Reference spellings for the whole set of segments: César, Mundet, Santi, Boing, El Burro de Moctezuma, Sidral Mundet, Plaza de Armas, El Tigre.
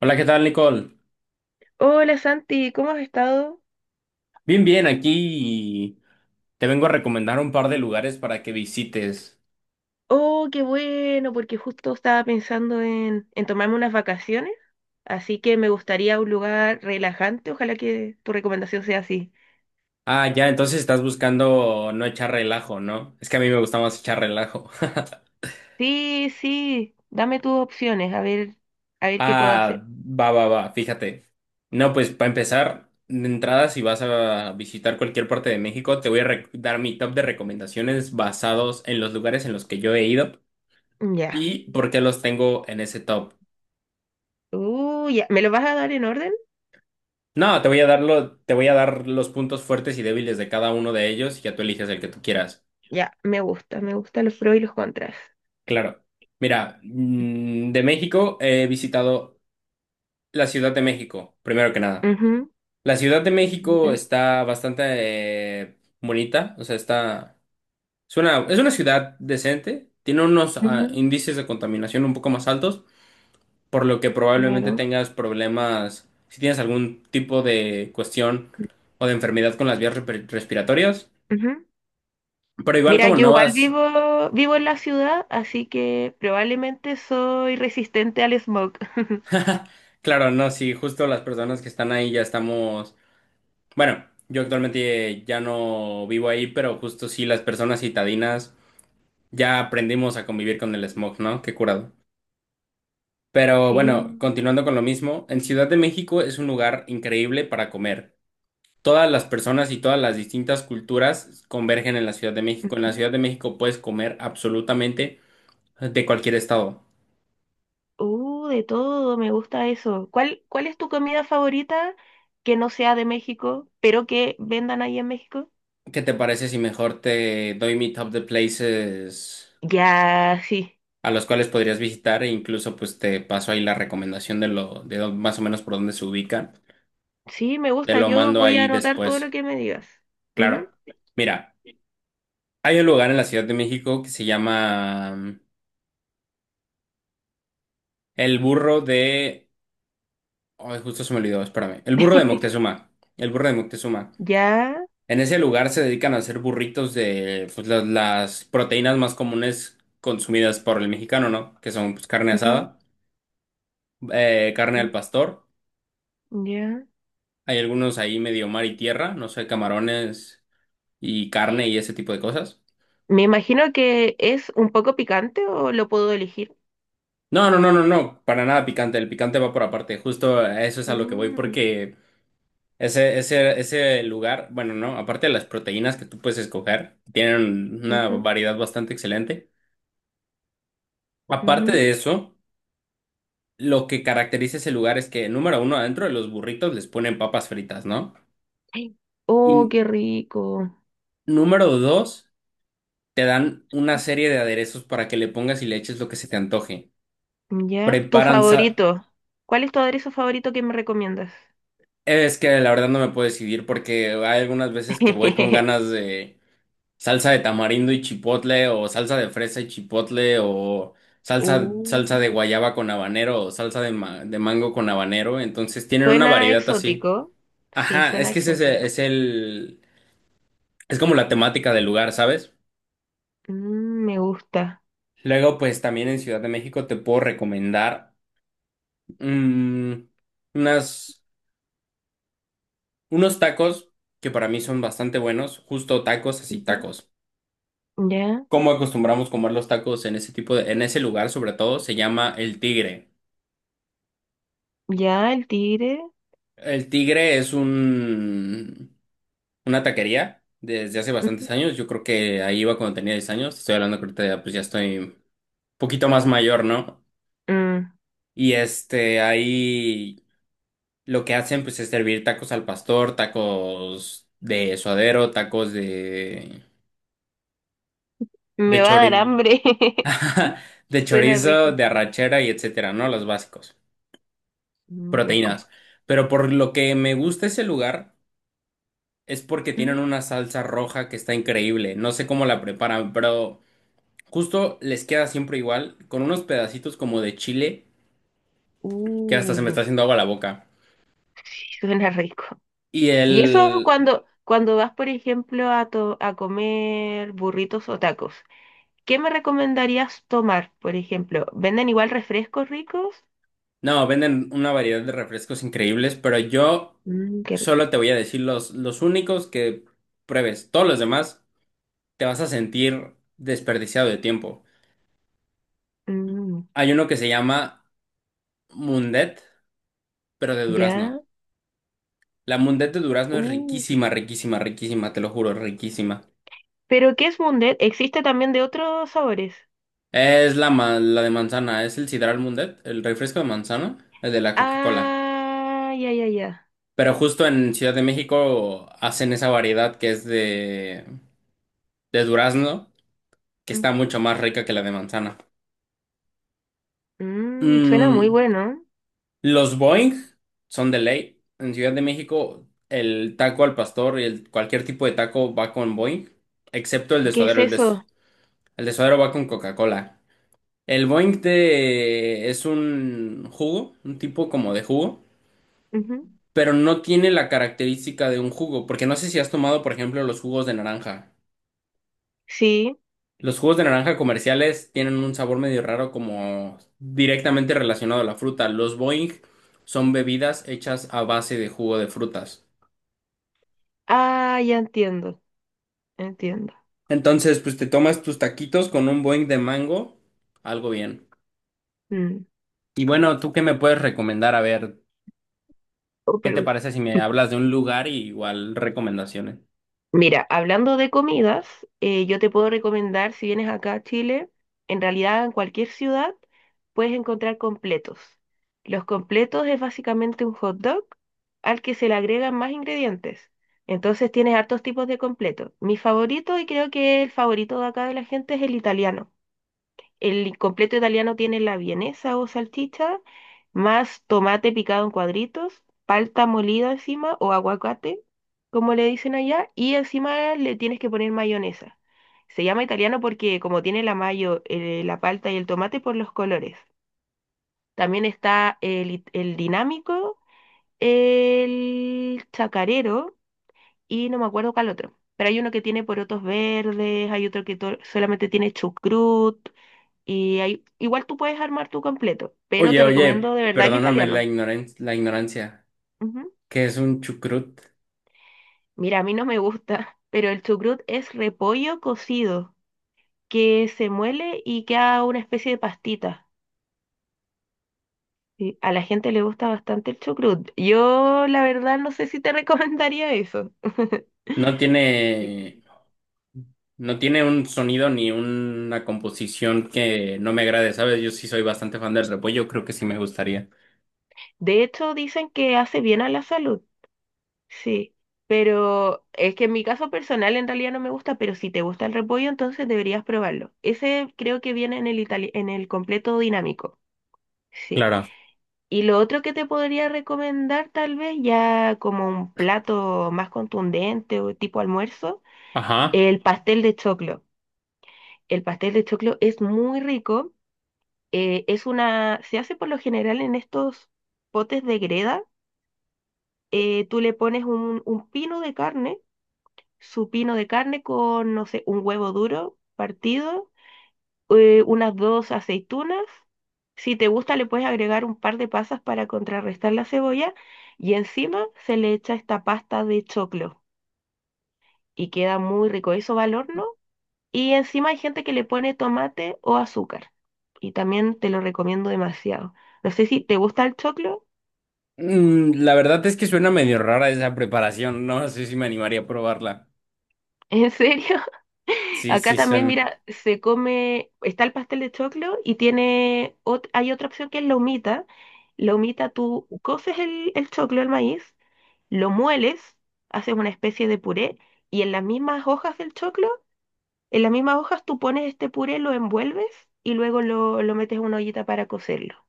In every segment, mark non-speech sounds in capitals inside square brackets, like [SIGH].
Hola, ¿qué tal, Nicole? Hola Santi, ¿cómo has estado? Bien, bien, aquí te vengo a recomendar un par de lugares para que visites. Oh, qué bueno, porque justo estaba pensando en tomarme unas vacaciones, así que me gustaría un lugar relajante, ojalá que tu recomendación sea así. Ah, ya, entonces estás buscando no echar relajo, ¿no? Es que a mí me gusta más echar relajo. [LAUGHS] Sí, sí, dame tus opciones, a ver qué puedo Ah, hacer. va, va, va, fíjate. No, pues para empezar, de entrada, si vas a visitar cualquier parte de México, te voy a re- dar mi top de recomendaciones basados en los lugares en los que yo he ido Ya. y por qué los tengo en ese top. Ya. ¿Me lo vas a dar en orden? No, te voy a dar los puntos fuertes y débiles de cada uno de ellos y ya tú eliges el que tú quieras. Ya, me gusta, me gustan los pros y los contras. Claro. Mira, de México he visitado la Ciudad de México, primero que nada. Ujú, La Ciudad de México ya, está bastante bonita, o sea, está es una ciudad decente, tiene unos ujú, índices de contaminación un poco más altos, por lo que probablemente claro, tengas problemas si tienes algún tipo de cuestión o de enfermedad con las vías respiratorias. ujú. Pero igual Mira, como yo no igual vas, vivo en la ciudad, así que probablemente soy resistente al smog. [LAUGHS] claro, no, sí, justo las personas que están ahí ya estamos, bueno, yo actualmente ya no vivo ahí, pero justo sí las personas citadinas ya aprendimos a convivir con el smog, ¿no? Qué curado. Pero bueno, Sí. continuando con lo mismo, en Ciudad de México es un lugar increíble para comer. Todas las personas y todas las distintas culturas convergen en la Ciudad de México. En la Ujú. Ciudad de México puedes comer absolutamente de cualquier estado. De todo, me gusta eso. ¿Cuál es tu comida favorita que no sea de México, pero que vendan ahí en México? ¿Qué te parece si mejor te doy mi top de places? Ya, sí. A los cuales podrías visitar e incluso pues te paso ahí la recomendación de más o menos por dónde se ubica. Sí, me Te gusta. lo Yo mando voy a ahí anotar todo lo después. que me digas. Claro. Ujú. Mira, hay un lugar en la Ciudad de México que se llama El Burro de Ay, justo se me olvidó, espérame. El Burro de Moctezuma. El Burro de Moctezuma. Ya. En ese lugar se dedican a hacer burritos de pues, las proteínas más comunes consumidas por el mexicano, ¿no? Que son pues, carne Ujú. asada, carne Mm. al pastor. Ya. Hay algunos ahí medio mar y tierra, no sé, camarones y carne y ese tipo de cosas. Me imagino que es un poco picante o lo puedo elegir. No, no, no, no, no, para nada picante, el picante va por aparte, justo a eso es a lo que voy Mm. porque ese lugar, bueno, no, aparte de las proteínas que tú puedes escoger, tienen una Ujú, variedad bastante excelente. Aparte ujú. de eso, lo que caracteriza ese lugar es que, número uno, adentro de los burritos les ponen papas fritas, ¿no? Ay, oh, Y qué rico. número dos, te dan una serie de aderezos para que le pongas y le eches lo que se te antoje. Ya. Tu Preparan, sa- favorito. ¿Cuál es tu aderezo favorito que me recomiendas? es que la verdad no me puedo decidir porque hay algunas veces que voy con [LAUGHS] ganas de salsa de tamarindo y chipotle o salsa de fresa y chipotle o Uh, salsa de guayaba con habanero o salsa de mango con habanero. Entonces tienen una Suena variedad así. exótico. Sí, Ajá, suena es que exótico. Es como la temática del lugar, ¿sabes? Mm, me gusta. Luego, pues también en Ciudad de México te puedo recomendar mm, unas, unos tacos que para mí son bastante buenos, justo tacos, así Ujú. tacos. Ya, Cómo acostumbramos comer los tacos en en ese lugar sobre todo, se llama El Tigre. ya, el tigre. El Tigre es una taquería desde hace Ujú. bastantes años. Yo creo que ahí iba cuando tenía 10 años. Estoy hablando que ahorita ya, pues ya estoy un poquito más mayor, ¿no? Mm, Y este, ahí lo que hacen pues es servir tacos al pastor, tacos de suadero, me de va a dar chori- hambre. [LAUGHS] [LAUGHS] de Suena chorizo, rico. de arrachera y etcétera, ¿no? Los básicos. Mm, rico. Proteínas. Pero por lo que me gusta ese lugar es porque tienen Ujú. una salsa roja que está increíble. No sé cómo la preparan, pero justo les queda siempre igual, con unos pedacitos como de chile que hasta se me Uh, está haciendo agua la boca. sí, suena rico. Y Y eso el... cuando vas, por ejemplo, a comer burritos o tacos. ¿Qué me recomendarías tomar, por ejemplo? ¿Venden igual refrescos ricos? No, venden una variedad de refrescos increíbles, pero yo Mm, qué rico. solo te voy a decir los únicos que pruebes. Todos los demás te vas a sentir desperdiciado de tiempo. Mm, Hay uno que se llama Mundet, pero de durazno. ya. La mundet de durazno es Uh. riquísima, riquísima, riquísima, te lo juro, riquísima. ¿Pero qué es Mundet? ¿Existe también de otros sabores? Es la de manzana, es el sidral mundet, el refresco de manzana, el de la Coca-Cola. Ah, ya, ya, ya. Pero justo en Ciudad de México hacen esa variedad que es de durazno, que está Ujú. mucho más rica que la de manzana. Mm, suena muy Mm, bueno. los Boing son de ley. En Ciudad de México, el taco al pastor y cualquier tipo de taco va con Boing, excepto el de ¿Qué es suadero. Eso? El de suadero va con Coca-Cola. El Boing es un jugo, un tipo como de jugo, Ujú. pero no tiene la característica de un jugo, porque no sé si has tomado, por ejemplo, los jugos de naranja. Sí. Los jugos de naranja comerciales tienen un sabor medio raro como directamente relacionado a la fruta. Los Boing son bebidas hechas a base de jugo de frutas. Ah, ya entiendo. Entiendo. Entonces, pues te tomas tus taquitos con un Boing de mango, algo bien. Mm. Y bueno, ¿tú qué me puedes recomendar? A ver, Oh, ¿qué te perdón. parece si me [LAUGHS] hablas de un lugar y igual recomendaciones? Mira, hablando de comidas, yo te puedo recomendar, si vienes acá a Chile, en realidad en cualquier ciudad puedes encontrar completos. Los completos es básicamente un hot dog al que se le agregan más ingredientes. Entonces tienes hartos tipos de completos. Mi favorito y creo que el favorito de acá de la gente es el italiano. El completo italiano tiene la vienesa o salchicha, más tomate picado en cuadritos, palta molida encima o aguacate, como le dicen allá, y encima le tienes que poner mayonesa. Se llama italiano porque como tiene la mayo, la palta y el tomate por los colores. También está el dinámico, el chacarero y no me acuerdo cuál otro. Pero hay uno que tiene porotos verdes, hay otro que solamente tiene chucrut. Y ahí, igual tú puedes armar tu completo, pero Oye, te oye, recomiendo de verdad el perdóname italiano. La ignorancia. Ujú. ¿Qué es un chucrut? Mira, a mí no me gusta, [LAUGHS] pero el chucrut es repollo cocido, que se muele y queda una especie de pastita. Y a la gente le gusta bastante el chucrut. Yo, la verdad, no sé si te recomendaría eso. [LAUGHS] No tiene, no tiene un sonido ni una composición que no me agrade, ¿sabes? Yo sí soy bastante fan del repollo, creo que sí me gustaría. De hecho, dicen que hace bien a la salud. Sí, pero es que en mi caso personal en realidad no me gusta, pero si te gusta el repollo, entonces deberías probarlo. Ese creo que viene en en el completo dinámico. Sí. Claro. Y lo otro que te podría recomendar, tal vez ya como un plato más contundente o tipo almuerzo, Ajá. el pastel de choclo. El pastel de choclo es muy rico. Es una, se hace por lo general en estos potes de greda. Tú le pones un pino de carne, su pino de carne con, no sé, un huevo duro partido, unas dos aceitunas. Si te gusta, le puedes agregar un par de pasas para contrarrestar la cebolla y encima se le echa esta pasta de choclo y queda muy rico. Eso va al horno y encima hay gente que le pone tomate o azúcar y también te lo recomiendo demasiado. No sé si te gusta el choclo, Mm, la verdad es que suena medio rara esa preparación, no, no sé si me animaría a probarla. [LAUGHS] ¿en serio? Sí, Acá sí, también, son. mira, se come, está el pastel de choclo y tiene, hay otra opción que es la humita. La humita, tú coces el choclo, el maíz, lo mueles, haces una especie de puré y en las mismas hojas del choclo, en las mismas hojas tú pones este puré, lo envuelves y luego lo metes en una ollita para cocerlo.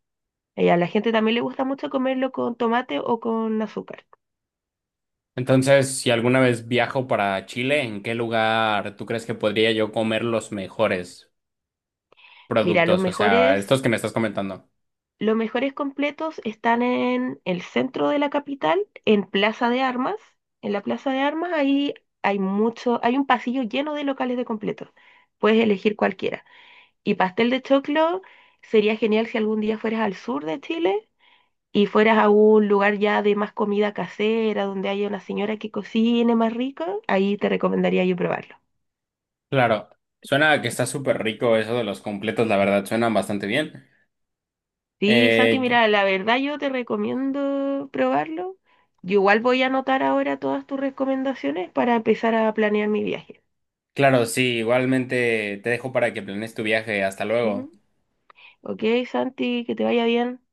Y a la gente también le gusta mucho comerlo con tomate o con azúcar. Entonces, si alguna vez viajo para Chile, ¿en qué lugar tú crees que podría yo comer los mejores Mira, los productos? O sea, mejores estos que me estás comentando. los mejores completos están en el centro de la capital, en Plaza de Armas. En la Plaza de Armas ahí hay mucho, hay un pasillo lleno de locales de completos. Puedes elegir cualquiera. Y pastel de choclo sería genial si algún día fueras al sur de Chile y fueras a un lugar ya de más comida casera, donde haya una señora que cocine más rico. Ahí te recomendaría yo probarlo. Claro, suena a que está súper rico eso de los completos, la verdad, suenan bastante bien. Sí, Santi, Eh, mira, la verdad yo te recomiendo probarlo. Yo igual voy a anotar ahora todas tus recomendaciones para empezar a planear mi viaje. claro, sí, igualmente te dejo para que planees tu viaje. Hasta luego. Ujú. Ok, Santi, que te vaya bien.